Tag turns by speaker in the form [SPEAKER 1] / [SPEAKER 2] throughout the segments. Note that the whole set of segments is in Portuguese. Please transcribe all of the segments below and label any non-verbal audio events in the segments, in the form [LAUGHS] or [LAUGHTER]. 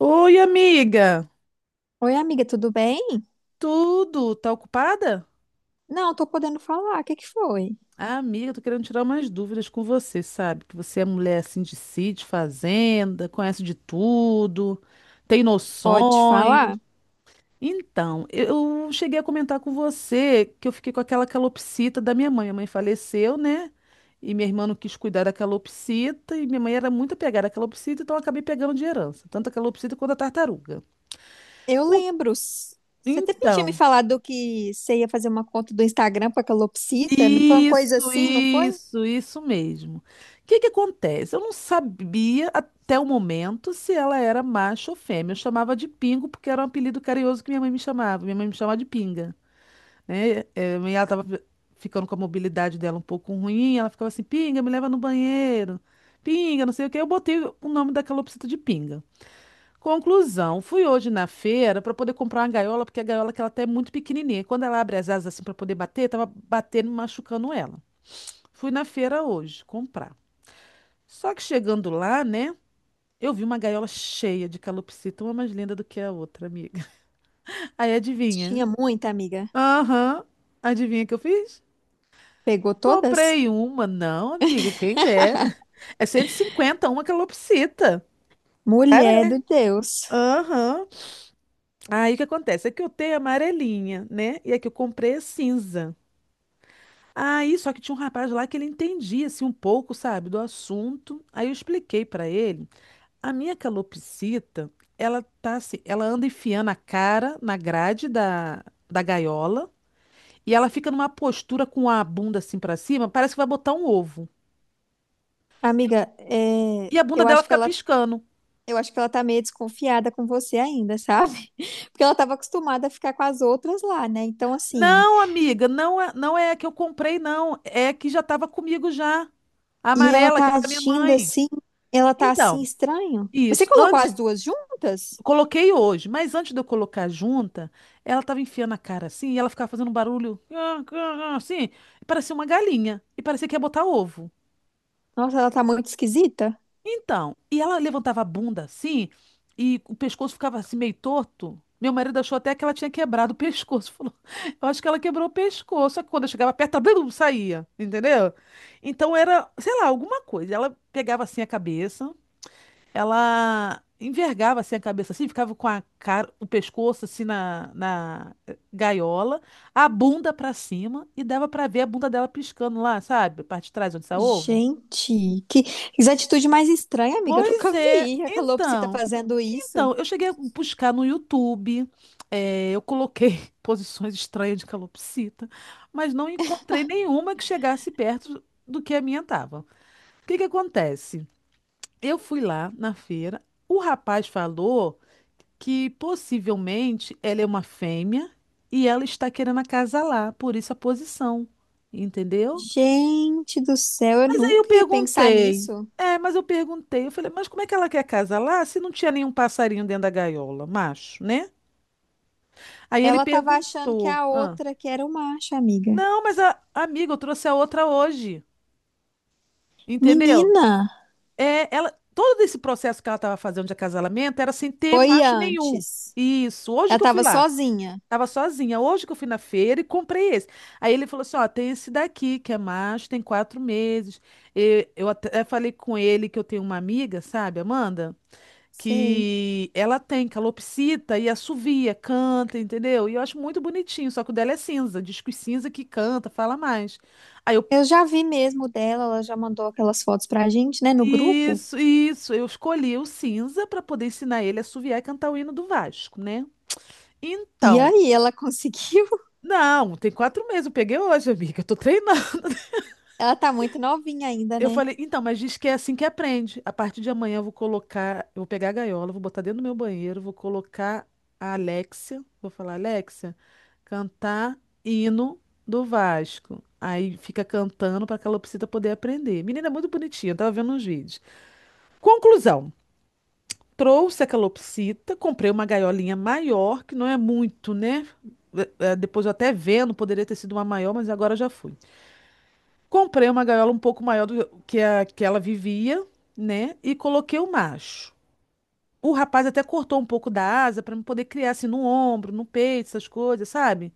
[SPEAKER 1] Oi, amiga.
[SPEAKER 2] Oi, amiga, tudo bem?
[SPEAKER 1] Tudo? Tá ocupada?
[SPEAKER 2] Não, tô podendo falar. O que que foi?
[SPEAKER 1] Ah, amiga, tô querendo tirar umas dúvidas com você, sabe? Que você é mulher assim de sítio, fazenda, conhece de tudo, tem
[SPEAKER 2] Pode
[SPEAKER 1] noções.
[SPEAKER 2] falar?
[SPEAKER 1] Então, eu cheguei a comentar com você que eu fiquei com aquela calopsita da minha mãe. A mãe faleceu, né? E minha irmã não quis cuidar da calopsita, e minha mãe era muito apegada à calopsita, então eu acabei pegando de herança, tanto a calopsita quanto a tartaruga.
[SPEAKER 2] Eu
[SPEAKER 1] O-
[SPEAKER 2] lembro. Você até tinha me
[SPEAKER 1] Então.
[SPEAKER 2] falado que você ia fazer uma conta do Instagram pra calopsita. Não foi uma coisa
[SPEAKER 1] Isso,
[SPEAKER 2] assim, não foi?
[SPEAKER 1] isso, isso mesmo. O que que acontece? Eu não sabia até o momento se ela era macho ou fêmea. Eu chamava de Pingo porque era um apelido carinhoso que minha mãe me chamava. Minha mãe me chamava de Pinga, né? É, e ela tava ficando com a mobilidade dela um pouco ruim. Ela ficava assim, Pinga, me leva no banheiro. Pinga, não sei o quê. Eu botei o nome da calopsita de Pinga. Conclusão, fui hoje na feira para poder comprar uma gaiola, porque a gaiola que ela tá é muito pequenininha. Quando ela abre as asas assim para poder bater, tava batendo e machucando ela. Fui na feira hoje comprar. Só que chegando lá, né? Eu vi uma gaiola cheia de calopsita, uma mais linda do que a outra, amiga. [LAUGHS] Aí adivinha?
[SPEAKER 2] Tinha muita, amiga.
[SPEAKER 1] Aham. Adivinha o que eu fiz?
[SPEAKER 2] Pegou todas?
[SPEAKER 1] Comprei uma. Não, amiga, quem dera. É 150 uma calopsita.
[SPEAKER 2] Mulher
[SPEAKER 1] Cara,
[SPEAKER 2] do Deus.
[SPEAKER 1] aham. Aí o que acontece? É que eu tenho a amarelinha, né? E a que eu comprei é cinza. Aí, só que tinha um rapaz lá que ele entendia, assim, um pouco, sabe, do assunto. Aí eu expliquei pra ele: a minha calopsita, ela tá assim, ela anda enfiando a cara na grade da gaiola e ela fica numa postura com a bunda assim pra cima, parece que vai botar um ovo.
[SPEAKER 2] Amiga, é,
[SPEAKER 1] E a bunda
[SPEAKER 2] eu
[SPEAKER 1] dela
[SPEAKER 2] acho que
[SPEAKER 1] fica
[SPEAKER 2] ela,
[SPEAKER 1] piscando.
[SPEAKER 2] eu acho que ela tá meio desconfiada com você ainda, sabe? [LAUGHS] Porque ela tava acostumada a ficar com as outras lá, né? Então, assim.
[SPEAKER 1] Não, amiga, não é a que eu comprei, não. É a que já estava comigo já. A
[SPEAKER 2] E ela
[SPEAKER 1] amarela, que
[SPEAKER 2] tá
[SPEAKER 1] era da minha
[SPEAKER 2] agindo
[SPEAKER 1] mãe.
[SPEAKER 2] assim, ela tá
[SPEAKER 1] Então,
[SPEAKER 2] assim estranho. Mas você
[SPEAKER 1] isso.
[SPEAKER 2] colocou as
[SPEAKER 1] Antes
[SPEAKER 2] duas juntas?
[SPEAKER 1] Coloquei hoje, mas antes de eu colocar a junta, ela tava enfiando a cara assim e ela ficava fazendo um barulho "Ah, ah, ah", assim, e parecia uma galinha e parecia que ia botar ovo.
[SPEAKER 2] Nossa, ela tá muito esquisita.
[SPEAKER 1] Então, e ela levantava a bunda assim e o pescoço ficava assim meio torto. Meu marido achou até que ela tinha quebrado o pescoço. [LAUGHS] Falou, eu acho que ela quebrou o pescoço. Só que quando eu chegava perto, ela blum, saía, entendeu? Então era, sei lá, alguma coisa. Ela pegava assim a cabeça. Ela envergava assim a cabeça assim, ficava com a cara, o pescoço assim na gaiola, a bunda pra cima e dava pra ver a bunda dela piscando lá, sabe? A parte de trás onde sai ovo.
[SPEAKER 2] Gente, que atitude mais estranha, amiga. Eu
[SPEAKER 1] Pois
[SPEAKER 2] nunca
[SPEAKER 1] é,
[SPEAKER 2] vi a calopsita
[SPEAKER 1] então,
[SPEAKER 2] fazendo isso.
[SPEAKER 1] eu cheguei a buscar no YouTube, eu coloquei [LAUGHS] posições estranhas de calopsita, mas não encontrei nenhuma que chegasse perto do que a minha estava. O que que acontece? Eu fui lá na feira, o rapaz falou que possivelmente ela é uma fêmea e ela está querendo acasalar, por isso a posição, entendeu?
[SPEAKER 2] Gente do céu, eu
[SPEAKER 1] Mas aí eu
[SPEAKER 2] nunca ia pensar
[SPEAKER 1] perguntei,
[SPEAKER 2] nisso.
[SPEAKER 1] mas eu perguntei, eu falei, mas como é que ela quer acasalar se não tinha nenhum passarinho dentro da gaiola, macho, né? Aí ele
[SPEAKER 2] Ela tava achando que
[SPEAKER 1] perguntou,
[SPEAKER 2] a
[SPEAKER 1] ah,
[SPEAKER 2] outra que era o macho, amiga.
[SPEAKER 1] não, mas a amiga, eu trouxe a outra hoje, entendeu?
[SPEAKER 2] Menina,
[SPEAKER 1] É, ela, todo esse processo que ela estava fazendo de acasalamento era sem ter
[SPEAKER 2] foi
[SPEAKER 1] macho nenhum.
[SPEAKER 2] antes.
[SPEAKER 1] Isso, hoje
[SPEAKER 2] Ela
[SPEAKER 1] que eu fui
[SPEAKER 2] tava
[SPEAKER 1] lá.
[SPEAKER 2] sozinha.
[SPEAKER 1] Tava sozinha. Hoje que eu fui na feira e comprei esse. Aí ele falou assim: ó, tem esse daqui, que é macho, tem 4 meses. E eu até falei com ele que eu tenho uma amiga, sabe, Amanda?
[SPEAKER 2] Sei.
[SPEAKER 1] Que ela tem calopsita e assovia, canta, entendeu? E eu acho muito bonitinho, só que o dela é cinza, disco cinza que canta, fala mais. Aí eu,
[SPEAKER 2] Eu já vi mesmo dela, ela já mandou aquelas fotos pra gente, né, no grupo.
[SPEAKER 1] isso, isso, eu escolhi o cinza para poder ensinar ele a assoviar e cantar o hino do Vasco, né?
[SPEAKER 2] E
[SPEAKER 1] Então,
[SPEAKER 2] aí, ela conseguiu?
[SPEAKER 1] não, tem 4 meses, eu peguei hoje, amiga, eu tô treinando.
[SPEAKER 2] [LAUGHS] Ela tá muito novinha ainda,
[SPEAKER 1] Eu
[SPEAKER 2] né?
[SPEAKER 1] falei, então, mas diz que é assim que aprende. A partir de amanhã eu vou colocar, eu vou pegar a gaiola, vou botar dentro do meu banheiro, vou colocar a Alexia, vou falar, Alexia, cantar hino do Vasco. Aí fica cantando para a calopsita poder aprender. Menina, é muito bonitinha, eu tava vendo uns vídeos. Conclusão, trouxe a calopsita, comprei uma gaiolinha maior, que não é muito, né? Depois eu até vendo, poderia ter sido uma maior, mas agora já fui. Comprei uma gaiola um pouco maior do que a que ela vivia, né? E coloquei o macho. O rapaz até cortou um pouco da asa para me poder criar assim no ombro, no peito, essas coisas, sabe?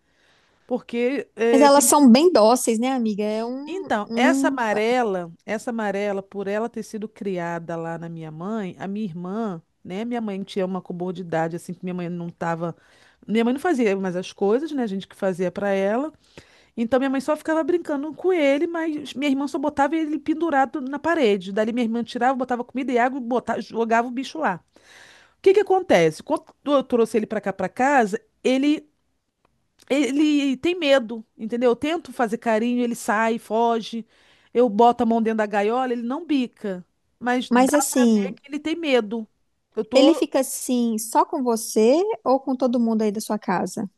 [SPEAKER 1] Porque
[SPEAKER 2] Mas
[SPEAKER 1] é, tem,
[SPEAKER 2] elas são bem dóceis, né, amiga?
[SPEAKER 1] então, essa amarela, essa amarela, por ela ter sido criada lá na minha mãe, a minha irmã, né? Minha mãe tinha uma comorbidade assim que minha mãe não tava, minha mãe não fazia mais as coisas, né? A gente que fazia para ela. Então minha mãe só ficava brincando com ele, mas minha irmã só botava ele pendurado na parede. Dali minha irmã tirava, botava comida e água e botava, jogava o bicho lá. O que que acontece? Quando eu trouxe ele pra cá pra casa, ele tem medo, entendeu? Eu tento fazer carinho, ele sai, foge. Eu boto a mão dentro da gaiola, ele não bica, mas
[SPEAKER 2] Mas assim,
[SPEAKER 1] ele tem medo. Eu
[SPEAKER 2] ele
[SPEAKER 1] tô
[SPEAKER 2] fica assim só com você ou com todo mundo aí da sua casa?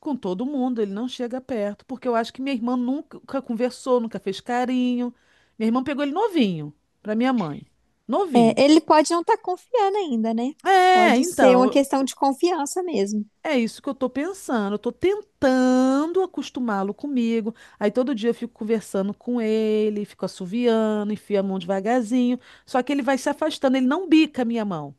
[SPEAKER 1] Com todo mundo, ele não chega perto, porque eu acho que minha irmã nunca conversou, nunca fez carinho. Minha irmã pegou ele novinho, para minha mãe. Novinho.
[SPEAKER 2] É, ele pode não estar confiando ainda, né?
[SPEAKER 1] É,
[SPEAKER 2] Pode ser uma
[SPEAKER 1] então,
[SPEAKER 2] questão de confiança mesmo.
[SPEAKER 1] é isso que eu tô pensando. Eu tô tentando acostumá-lo comigo. Aí todo dia eu fico conversando com ele, fico assoviando, enfio a mão devagarzinho. Só que ele vai se afastando, ele não bica a minha mão,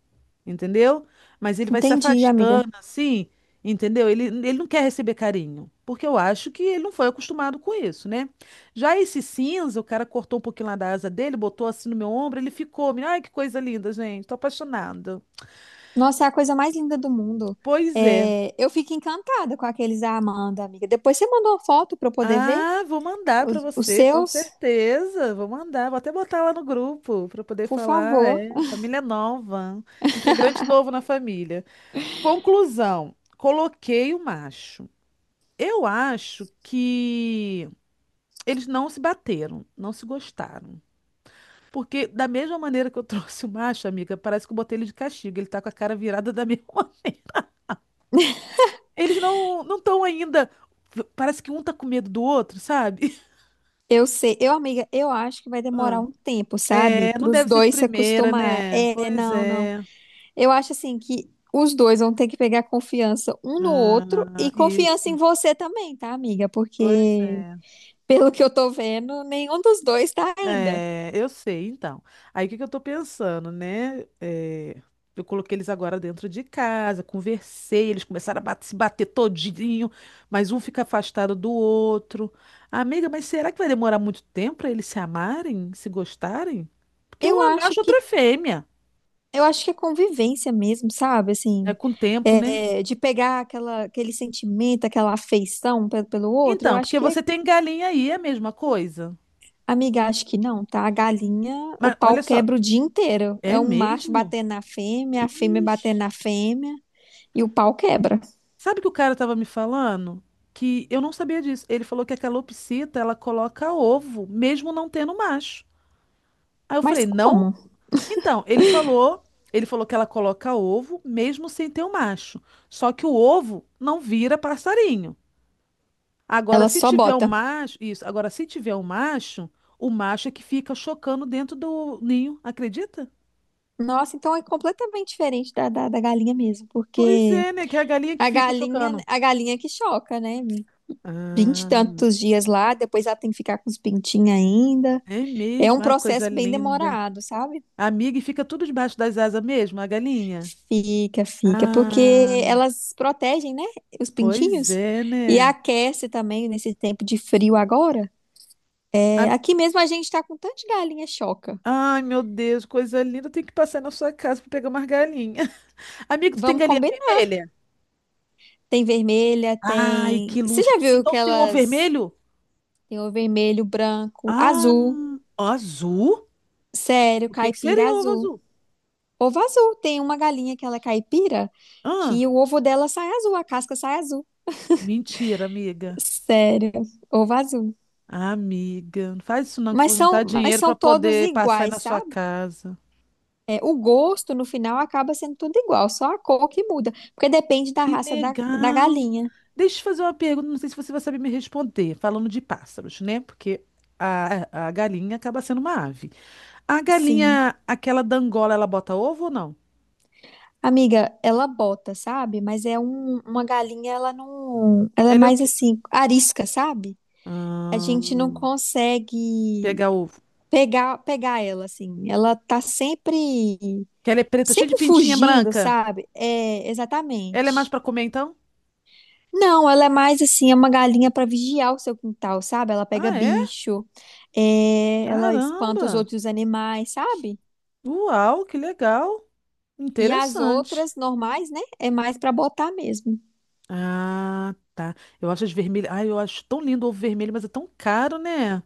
[SPEAKER 1] entendeu? Mas ele vai se
[SPEAKER 2] Entendi, amiga.
[SPEAKER 1] afastando assim, entendeu? Ele não quer receber carinho, porque eu acho que ele não foi acostumado com isso, né? Já esse cinza, o cara cortou um pouquinho lá da asa dele, botou assim no meu ombro, ele ficou. Ai, que coisa linda, gente, tô apaixonada.
[SPEAKER 2] Nossa, é a coisa mais linda do mundo.
[SPEAKER 1] Pois é.
[SPEAKER 2] É, eu fico encantada com aqueles da Amanda, amiga. Depois você mandou uma foto para eu poder ver
[SPEAKER 1] Ah, vou mandar para
[SPEAKER 2] os
[SPEAKER 1] você, com
[SPEAKER 2] seus,
[SPEAKER 1] certeza. Vou mandar, vou até botar lá no grupo para poder
[SPEAKER 2] por
[SPEAKER 1] falar.
[SPEAKER 2] favor.
[SPEAKER 1] É, família nova, integrante novo na família. Conclusão: coloquei o macho. Eu acho que eles não se bateram, não se gostaram. Porque, da mesma maneira que eu [LAUGHS] trouxe o macho, amiga, parece que eu botei ele de castigo. Ele tá com a cara virada da mesma. [LAUGHS] Eles não estão ainda. Parece que um tá com medo do outro, sabe?
[SPEAKER 2] Eu sei, eu, amiga, eu acho que vai demorar
[SPEAKER 1] [LAUGHS]
[SPEAKER 2] um tempo, sabe?
[SPEAKER 1] É, não
[SPEAKER 2] Para os
[SPEAKER 1] deve ser de
[SPEAKER 2] dois se
[SPEAKER 1] primeira,
[SPEAKER 2] acostumar.
[SPEAKER 1] né?
[SPEAKER 2] É,
[SPEAKER 1] Pois
[SPEAKER 2] não, não.
[SPEAKER 1] é.
[SPEAKER 2] Eu acho assim que os dois vão ter que pegar confiança um no outro
[SPEAKER 1] Ah,
[SPEAKER 2] e confiança em
[SPEAKER 1] isso.
[SPEAKER 2] você também, tá, amiga?
[SPEAKER 1] Pois
[SPEAKER 2] Porque
[SPEAKER 1] é.
[SPEAKER 2] pelo que eu tô vendo, nenhum dos dois tá ainda.
[SPEAKER 1] É, eu sei, então. Aí o que que eu tô pensando, né? É, eu coloquei eles agora dentro de casa, conversei, eles começaram a se bater todinho, mas um fica afastado do outro. Amiga, mas será que vai demorar muito tempo para eles se amarem, se gostarem? Porque um
[SPEAKER 2] Eu
[SPEAKER 1] é
[SPEAKER 2] acho
[SPEAKER 1] macho, outro é
[SPEAKER 2] que
[SPEAKER 1] fêmea.
[SPEAKER 2] eu acho que é convivência mesmo, sabe?
[SPEAKER 1] É
[SPEAKER 2] Assim,
[SPEAKER 1] com o tempo, né?
[SPEAKER 2] é, de pegar aquela, aquele sentimento, aquela afeição pelo outro, eu
[SPEAKER 1] Então,
[SPEAKER 2] acho
[SPEAKER 1] porque
[SPEAKER 2] que é...
[SPEAKER 1] você tem galinha aí, é a mesma coisa.
[SPEAKER 2] Amiga, acho que não, tá? A galinha, o
[SPEAKER 1] Mas
[SPEAKER 2] pau
[SPEAKER 1] olha só,
[SPEAKER 2] quebra o dia inteiro.
[SPEAKER 1] é
[SPEAKER 2] É um macho
[SPEAKER 1] mesmo?
[SPEAKER 2] batendo na fêmea, a fêmea batendo
[SPEAKER 1] Ixi.
[SPEAKER 2] na fêmea e o pau quebra.
[SPEAKER 1] Sabe que o cara tava me falando? Que eu não sabia disso. Ele falou que a calopsita, ela coloca ovo, mesmo não tendo macho. Aí eu
[SPEAKER 2] Mas
[SPEAKER 1] falei, não?
[SPEAKER 2] como?
[SPEAKER 1] Então, ele falou, que ela coloca ovo, mesmo sem ter o macho. Só que o ovo não vira passarinho. Agora,
[SPEAKER 2] Ela
[SPEAKER 1] se
[SPEAKER 2] só
[SPEAKER 1] tiver o
[SPEAKER 2] bota.
[SPEAKER 1] macho, isso, agora se tiver o macho é que fica chocando dentro do ninho, acredita?
[SPEAKER 2] Nossa, então é completamente diferente da galinha mesmo,
[SPEAKER 1] Pois
[SPEAKER 2] porque
[SPEAKER 1] é, né? Que é a galinha que fica chocando.
[SPEAKER 2] a galinha que choca, né? Vinte e
[SPEAKER 1] Ah.
[SPEAKER 2] tantos dias lá, depois ela tem que ficar com os pintinhos ainda.
[SPEAKER 1] É
[SPEAKER 2] É um
[SPEAKER 1] mesmo, ai, coisa
[SPEAKER 2] processo bem
[SPEAKER 1] linda.
[SPEAKER 2] demorado, sabe?
[SPEAKER 1] Amiga, e fica tudo debaixo das asas mesmo, a galinha?
[SPEAKER 2] Fica, fica,
[SPEAKER 1] Ah,
[SPEAKER 2] porque elas protegem, né, os
[SPEAKER 1] pois
[SPEAKER 2] pintinhos
[SPEAKER 1] é,
[SPEAKER 2] e
[SPEAKER 1] né?
[SPEAKER 2] aquece também nesse tempo de frio agora.
[SPEAKER 1] A-
[SPEAKER 2] É, aqui mesmo a gente tá com tantas galinhas choca.
[SPEAKER 1] Ai, meu Deus, coisa linda. Eu tenho que passar na sua casa para pegar umas galinhas. [LAUGHS] Amigo, tu tem
[SPEAKER 2] Vamos
[SPEAKER 1] galinha
[SPEAKER 2] combinar.
[SPEAKER 1] vermelha?
[SPEAKER 2] Tem vermelha,
[SPEAKER 1] Ai,
[SPEAKER 2] tem.
[SPEAKER 1] que
[SPEAKER 2] Você
[SPEAKER 1] luxo.
[SPEAKER 2] já viu
[SPEAKER 1] Então
[SPEAKER 2] que
[SPEAKER 1] tu tem ovo
[SPEAKER 2] elas
[SPEAKER 1] vermelho?
[SPEAKER 2] tem o vermelho, branco,
[SPEAKER 1] Ah,
[SPEAKER 2] azul,
[SPEAKER 1] azul?
[SPEAKER 2] sério,
[SPEAKER 1] O que que
[SPEAKER 2] caipira
[SPEAKER 1] seria ovo
[SPEAKER 2] azul.
[SPEAKER 1] azul?
[SPEAKER 2] Ovo azul. Tem uma galinha que ela é caipira
[SPEAKER 1] Ah,
[SPEAKER 2] que o ovo dela sai azul, a casca sai azul.
[SPEAKER 1] mentira, amiga.
[SPEAKER 2] Sério, ovo azul.
[SPEAKER 1] Amiga, não faz isso não, que eu
[SPEAKER 2] Mas
[SPEAKER 1] vou
[SPEAKER 2] são,
[SPEAKER 1] juntar
[SPEAKER 2] mas
[SPEAKER 1] dinheiro
[SPEAKER 2] são
[SPEAKER 1] para
[SPEAKER 2] todos
[SPEAKER 1] poder passar aí na
[SPEAKER 2] iguais,
[SPEAKER 1] sua
[SPEAKER 2] sabe?
[SPEAKER 1] casa.
[SPEAKER 2] É, o gosto, no final, acaba sendo tudo igual, só a cor que muda, porque depende da
[SPEAKER 1] Que
[SPEAKER 2] raça da
[SPEAKER 1] legal!
[SPEAKER 2] galinha.
[SPEAKER 1] Deixa eu te fazer uma pergunta, não sei se você vai saber me responder, falando de pássaros, né? Porque a galinha acaba sendo uma ave. A
[SPEAKER 2] Sim.
[SPEAKER 1] galinha, aquela da Angola, ela bota ovo ou não?
[SPEAKER 2] Amiga, ela bota, sabe? Mas é um, uma galinha, ela não. Ela é
[SPEAKER 1] Ela é o
[SPEAKER 2] mais
[SPEAKER 1] quê?
[SPEAKER 2] assim, arisca, sabe? A
[SPEAKER 1] Ah,
[SPEAKER 2] gente não consegue
[SPEAKER 1] pega ovo.
[SPEAKER 2] pegar ela, assim. Ela tá sempre,
[SPEAKER 1] Que ela é preta, cheia de
[SPEAKER 2] sempre
[SPEAKER 1] pintinha
[SPEAKER 2] fugindo,
[SPEAKER 1] branca.
[SPEAKER 2] sabe? É,
[SPEAKER 1] Ela é mais
[SPEAKER 2] exatamente.
[SPEAKER 1] pra comer, então?
[SPEAKER 2] Não, ela é mais assim, é uma galinha para vigiar o seu quintal, sabe? Ela pega
[SPEAKER 1] Ah, é?
[SPEAKER 2] bicho, é, ela espanta os
[SPEAKER 1] Caramba!
[SPEAKER 2] outros animais, sabe?
[SPEAKER 1] Uau, que legal!
[SPEAKER 2] E as
[SPEAKER 1] Interessante.
[SPEAKER 2] outras normais, né? É mais para botar mesmo.
[SPEAKER 1] Ah, tá. Eu acho as vermelhas. Ai, eu acho tão lindo o ovo vermelho, mas é tão caro, né?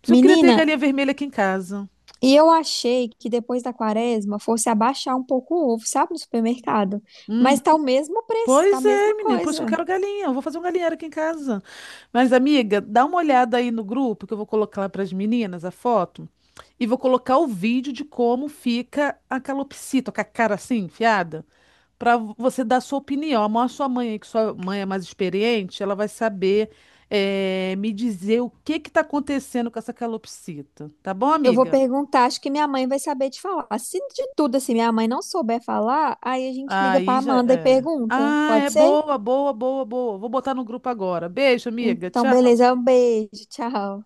[SPEAKER 1] Por isso eu queria ter
[SPEAKER 2] Menina,
[SPEAKER 1] galinha vermelha aqui em casa.
[SPEAKER 2] e eu achei que depois da quaresma fosse abaixar um pouco o ovo, sabe? No supermercado.
[SPEAKER 1] Uhum.
[SPEAKER 2] Mas tá o mesmo preço, tá a
[SPEAKER 1] Pois é,
[SPEAKER 2] mesma
[SPEAKER 1] menina. Por isso que eu
[SPEAKER 2] coisa.
[SPEAKER 1] quero galinha. Eu vou fazer um galinheiro aqui em casa. Mas, amiga, dá uma olhada aí no grupo que eu vou colocar lá para as meninas a foto. E vou colocar o vídeo de como fica a calopsita, com a cara assim, enfiada, para você dar sua opinião. A sua mãe, aí, que sua mãe é mais experiente, ela vai saber me dizer o que que está acontecendo com essa calopsita. Tá bom,
[SPEAKER 2] Eu vou
[SPEAKER 1] amiga?
[SPEAKER 2] perguntar, acho que minha mãe vai saber te falar. Se de tudo assim minha mãe não souber falar, aí a gente liga pra
[SPEAKER 1] Aí já
[SPEAKER 2] Amanda e
[SPEAKER 1] é.
[SPEAKER 2] pergunta.
[SPEAKER 1] Ah, é
[SPEAKER 2] Pode ser?
[SPEAKER 1] boa, boa, boa, boa. Vou botar no grupo agora. Beijo, amiga.
[SPEAKER 2] Então,
[SPEAKER 1] Tchau.
[SPEAKER 2] beleza, um beijo, tchau.